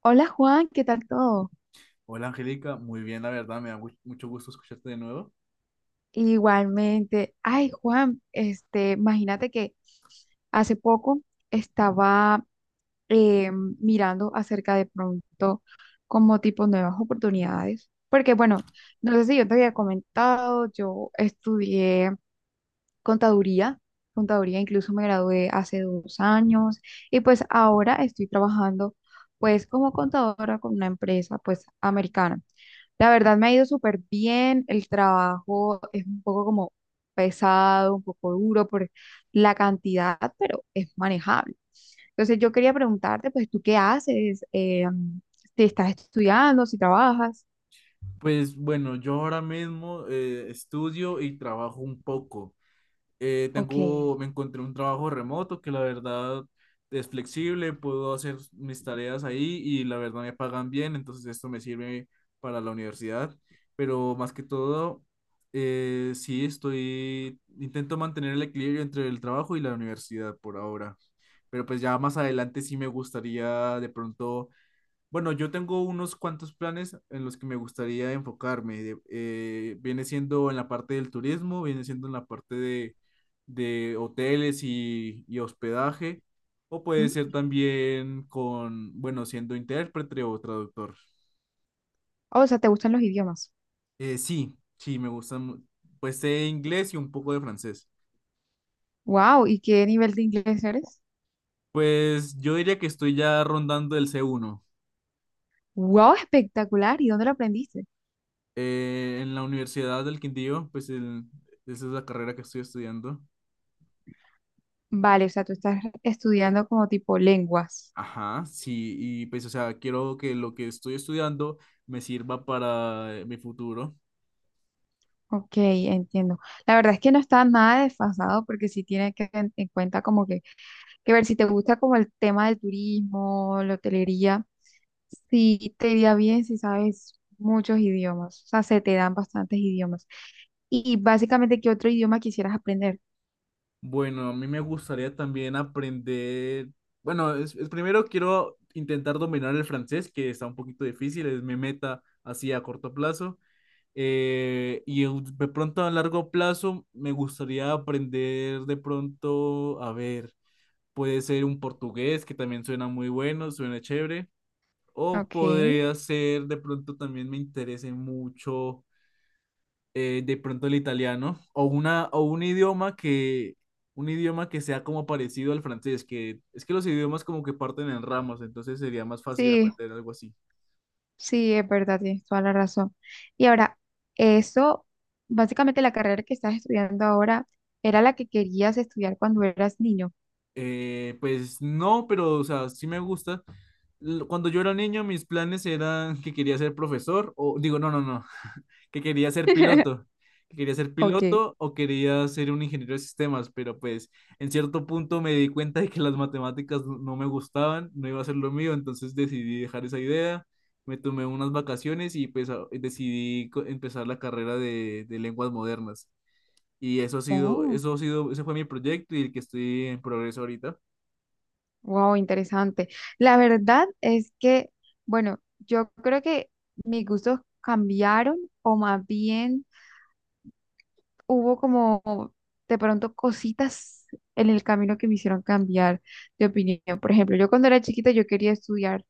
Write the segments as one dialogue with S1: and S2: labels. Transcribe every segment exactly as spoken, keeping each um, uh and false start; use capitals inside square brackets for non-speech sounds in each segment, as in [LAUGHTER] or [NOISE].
S1: Hola Juan, ¿qué tal todo?
S2: Hola Angélica, muy bien, la verdad, me da mu- mucho gusto escucharte de nuevo.
S1: Igualmente. Ay, Juan, este, imagínate que hace poco estaba eh, mirando acerca de pronto como tipo nuevas oportunidades, porque bueno, no sé si yo te había comentado, yo estudié contaduría, contaduría incluso me gradué hace dos años y pues ahora estoy trabajando pues como contadora con una empresa pues americana. La verdad me ha ido súper bien, el trabajo es un poco como pesado, un poco duro por la cantidad, pero es manejable. Entonces yo quería preguntarte, pues, ¿tú qué haces? Eh, mm, ¿te estás estudiando, si trabajas?
S2: Pues bueno, yo ahora mismo eh, estudio y trabajo un poco. Eh,
S1: Ok.
S2: tengo, me encontré un trabajo remoto que la verdad es flexible, puedo hacer mis tareas ahí y la verdad me pagan bien, entonces esto me sirve para la universidad. Pero más que todo, eh, sí estoy, intento mantener el equilibrio entre el trabajo y la universidad por ahora. Pero pues ya más adelante sí me gustaría de pronto Bueno, yo tengo unos cuantos planes en los que me gustaría enfocarme. De- eh, viene siendo en la parte del turismo, viene siendo en la parte de, de hoteles y, y hospedaje, o puede ser
S1: Mm.
S2: también con, bueno, siendo intérprete o traductor.
S1: O sea, ¿te gustan los idiomas?
S2: Eh, sí, sí, me gusta, mu- pues sé inglés y un poco de francés.
S1: Wow, ¿y qué nivel de inglés eres?
S2: Pues yo diría que estoy ya rondando el c uno.
S1: Wow, espectacular, ¿y dónde lo aprendiste?
S2: Eh, en la Universidad del Quindío, pues el- esa es la carrera que estoy estudiando.
S1: Vale, o sea, tú estás estudiando como tipo lenguas.
S2: Ajá, sí, y pues, o sea, quiero que lo que estoy estudiando me sirva para eh, mi futuro.
S1: Ok, entiendo. La verdad es que no está nada desfasado porque sí tiene que en, en cuenta como que, que ver si te gusta como el tema del turismo, la hotelería, sí te iría bien si sabes muchos idiomas, o sea, se te dan bastantes idiomas. Y básicamente, ¿qué otro idioma quisieras aprender?
S2: Bueno, a mí me gustaría también aprender, bueno, es, es primero quiero intentar dominar el francés, que está un poquito difícil, es mi meta así a corto plazo. Eh, y en- de pronto a largo plazo me gustaría aprender de pronto, a ver, puede ser un portugués, que también suena muy bueno, suena chévere. O
S1: Ok,
S2: podría ser, de pronto también me interese mucho, eh, de pronto el italiano, o una, o un idioma que, un idioma que sea como parecido al francés, que es que los idiomas como que parten en ramas, entonces sería más fácil
S1: sí,
S2: aprender algo así.
S1: sí, es verdad, tienes toda la razón. Y ahora, eso, básicamente la carrera que estás estudiando ahora era la que querías estudiar cuando eras niño.
S2: Eh, pues no, pero o sea, sí me gusta. L- Cuando yo era niño, mis planes eran que quería ser profesor, o digo, no, no, no, [LAUGHS] que quería ser
S1: [LAUGHS]
S2: piloto, que quería ser
S1: Ok.
S2: piloto o quería ser un ingeniero de sistemas, pero pues en cierto punto me di cuenta de que las matemáticas no no me gustaban, no iba a ser lo mío, entonces decidí dejar esa idea, me tomé unas vacaciones y pues a- decidí co- empezar la carrera de, de lenguas modernas. Y eso ha sido,
S1: Oh.
S2: eso ha sido, ese fue mi proyecto y el que estoy en progreso ahorita.
S1: Wow, interesante. La verdad es que, bueno, yo creo que mis gustos cambiaron o más bien hubo como de pronto cositas en el camino que me hicieron cambiar de opinión. Por ejemplo, yo cuando era chiquita yo quería estudiar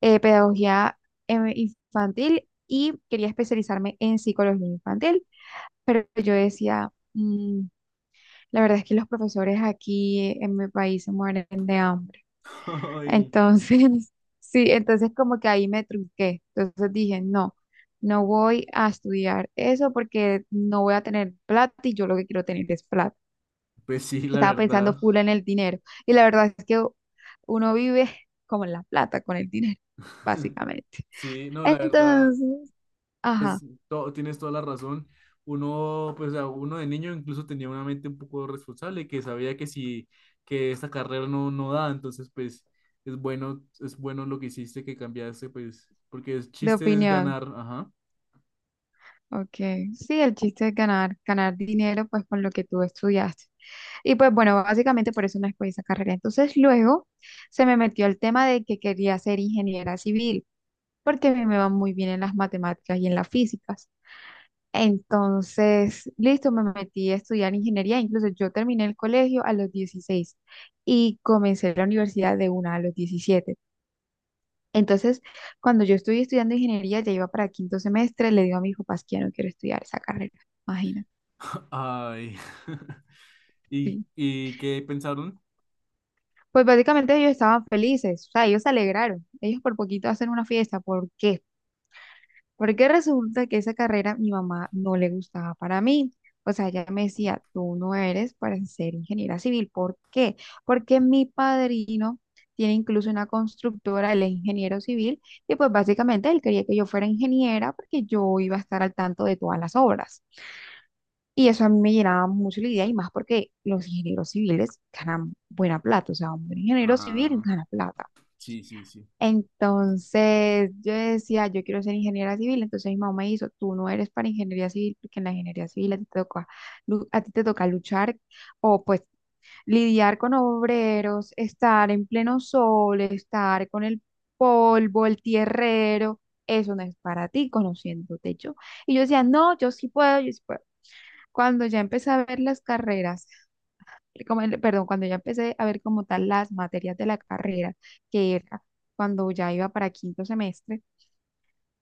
S1: eh, pedagogía eh, infantil y quería especializarme en psicología infantil, pero yo decía, "Mm, la verdad es que los profesores aquí en mi país se mueren de hambre.
S2: Ay,
S1: Entonces, [LAUGHS] sí, entonces como que ahí me trunqué. Entonces dije, no, no voy a estudiar eso porque no voy a tener plata y yo lo que quiero tener es plata.
S2: pues sí, la
S1: Estaba pensando
S2: verdad.
S1: full en el dinero. Y la verdad es que uno vive [LAUGHS] como en la plata, con el dinero,
S2: [LAUGHS]
S1: básicamente.
S2: Sí, no, la verdad,
S1: Entonces, ajá,
S2: es, to- tienes toda la razón. Uno, pues, o sea, uno de niño incluso tenía una mente un poco responsable, que sabía que si, que esta carrera no, no da, entonces, pues, es bueno, es bueno lo que hiciste, que cambiaste, pues, porque el
S1: de
S2: chiste es
S1: opinión.
S2: ganar, ajá.
S1: Ok, sí, el chiste es ganar, ganar dinero pues con lo que tú estudiaste. Y pues bueno, básicamente por eso no escogí esa carrera. Entonces luego se me metió el tema de que quería ser ingeniera civil, porque a mí me va muy bien en las matemáticas y en las físicas. Entonces, listo, me metí a estudiar ingeniería. Incluso yo terminé el colegio a los dieciséis y comencé la universidad de una a los diecisiete. Entonces, cuando yo estuve estudiando ingeniería, ya iba para quinto semestre, le digo a mis papás que ya no quiero estudiar esa carrera. Imagínate.
S2: [LAUGHS] Ay. [LAUGHS] ¿Y,
S1: Sí.
S2: y qué pensaron?
S1: Pues básicamente ellos estaban felices, o sea, ellos se alegraron. Ellos por poquito hacen una fiesta. ¿Por qué? Porque resulta que esa carrera mi mamá no le gustaba para mí. O sea, ella me decía, tú no eres para ser ingeniera civil. ¿Por qué? Porque mi padrino tiene incluso una constructora, él es ingeniero civil, y pues básicamente él quería que yo fuera ingeniera porque yo iba a estar al tanto de todas las obras. Y eso a mí me llenaba mucho la idea y más porque los ingenieros civiles ganan buena plata, o sea, un buen ingeniero civil
S2: Ah,
S1: gana plata.
S2: sí, sí, sí.
S1: Entonces yo decía, yo quiero ser ingeniera civil, entonces mi mamá me hizo, tú no eres para ingeniería civil, porque en la ingeniería civil a ti te toca, lu- a ti te toca luchar o pues lidiar con obreros, estar en pleno sol, estar con el polvo, el tierrero, eso no es para ti, conociéndote yo. Y yo decía, no, yo sí puedo, yo sí puedo. Cuando ya empecé a ver las carreras, eh, como el- perdón, cuando ya empecé a ver como tal las materias de la carrera, que era cuando ya iba para quinto semestre,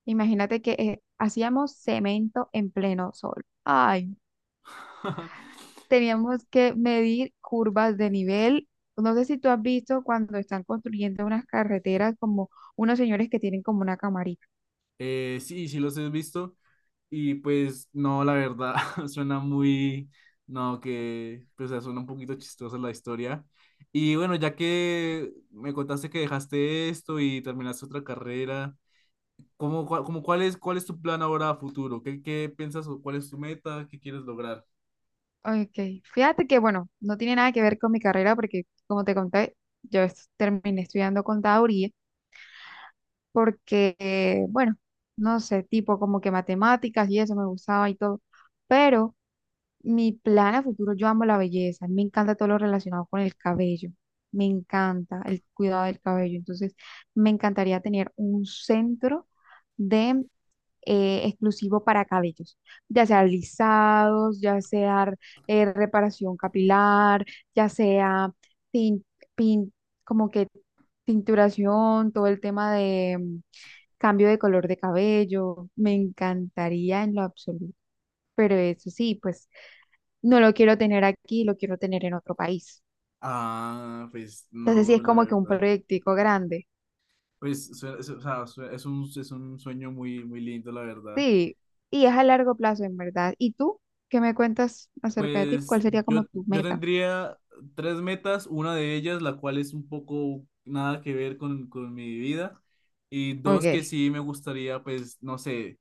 S1: imagínate que eh, hacíamos cemento en pleno sol. Ay,
S2: [LAUGHS]
S1: teníamos que medir curvas de nivel. No sé si tú has visto cuando están construyendo unas carreteras como unos señores que tienen como una camarita.
S2: Eh, sí, sí los he visto. Y pues no, la verdad, [LAUGHS] suena muy, no, que, pues o sea, suena un poquito chistosa la historia. Y bueno, ya que me contaste que dejaste esto y terminaste otra carrera, ¿cómo, cua- cómo cuál es, cuál es tu plan ahora a futuro? ¿Qué, qué piensas o cuál es tu meta? ¿Qué quieres lograr?
S1: Ok, fíjate que bueno, no tiene nada que ver con mi carrera porque como te conté, yo es- terminé estudiando contaduría porque, eh, bueno, no sé, tipo como que matemáticas y eso me gustaba y todo, pero mi plan a futuro, yo amo la belleza, me encanta todo lo relacionado con el cabello, me encanta el cuidado del cabello, entonces me encantaría tener un centro de... eh, exclusivo para cabellos, ya sea lisados, ya sea eh, reparación capilar, ya sea tin- pin- como que tinturación, todo el tema de, cambio de color de cabello, me encantaría en lo absoluto, pero eso sí, pues no lo quiero tener aquí, lo quiero tener en otro país.
S2: Ah, pues
S1: Entonces sí
S2: no,
S1: es
S2: la
S1: como que un
S2: verdad.
S1: proyectico grande,
S2: Pues sue- es, o sea, sue- es un, es un sueño muy, muy lindo, la verdad.
S1: sí, y es a largo plazo en verdad. ¿Y tú qué me cuentas acerca de ti?
S2: Pues
S1: ¿Cuál sería
S2: yo,
S1: como tu
S2: yo
S1: meta?
S2: tendría tres metas, una de ellas, la cual es un poco nada que ver con, con mi vida, y dos que
S1: Ok,
S2: sí me gustaría, pues, no sé,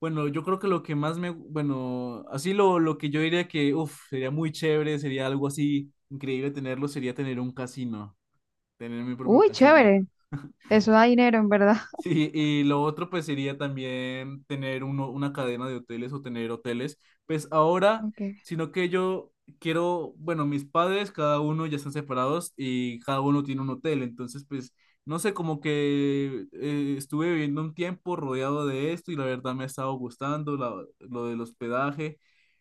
S2: bueno, yo creo que lo que más me, bueno, así lo, lo que yo diría que, uff, sería muy chévere, sería algo así increíble tenerlo, sería tener un casino, tener mi propio
S1: uy,
S2: casino.
S1: chévere, eso da dinero en verdad. [LAUGHS]
S2: Sí, y lo otro pues sería también tener uno, una cadena de hoteles o tener hoteles. Pues ahora,
S1: Ok,
S2: sino que yo quiero, bueno, mis padres cada uno ya están separados y cada uno tiene un hotel, entonces pues no sé, como que eh, estuve viviendo un tiempo rodeado de esto y la verdad me ha estado gustando la- lo del hospedaje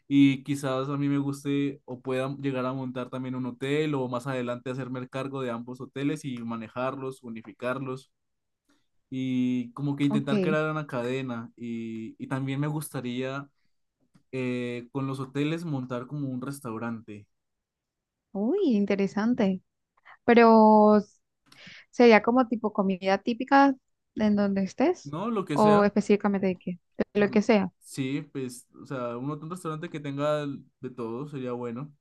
S2: y quizás a mí me guste o pueda llegar a montar también un hotel o más adelante hacerme el cargo de ambos hoteles y manejarlos, unificarlos y como que intentar
S1: ok,
S2: crear una cadena. Y, y también me gustaría eh, con los hoteles montar como un restaurante,
S1: uy, interesante, pero sería como tipo comida típica en donde estés
S2: ¿no? Lo que
S1: o
S2: sea.
S1: específicamente de qué, de lo
S2: Mm,
S1: que sea.
S2: sí, pues, o sea, un, un restaurante que tenga de todo sería bueno.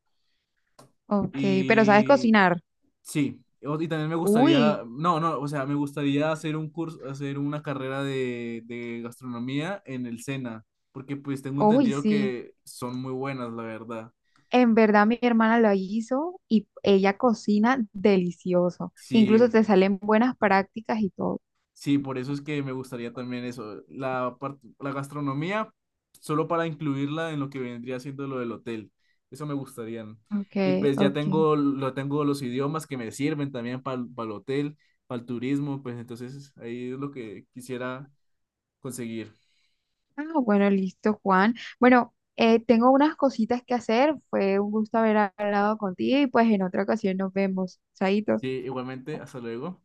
S1: Ok, pero sabes
S2: Y
S1: cocinar.
S2: sí, o- y también me
S1: Uy,
S2: gustaría, no, no, o sea, me gustaría hacer un curso, hacer una carrera de, de gastronomía en el SENA, porque pues tengo
S1: uy,
S2: entendido
S1: sí.
S2: que son muy buenas, la verdad.
S1: En verdad mi hermana lo hizo y ella cocina delicioso. Incluso
S2: Sí,
S1: te salen buenas prácticas y todo.
S2: sí, por eso es que me gustaría también eso, la, part- la gastronomía, solo para incluirla en lo que vendría siendo lo del hotel. Eso me gustaría, ¿no?
S1: Ok,
S2: Y pues ya
S1: ok.
S2: tengo, lo tengo los idiomas que me sirven también para el hotel, para el turismo, pues entonces ahí es lo que quisiera conseguir.
S1: Ah, bueno, listo, Juan. Bueno, eh, tengo unas cositas que hacer. Fue un gusto haber hablado contigo y pues en otra ocasión nos vemos. Chaito.
S2: Sí, igualmente, hasta luego.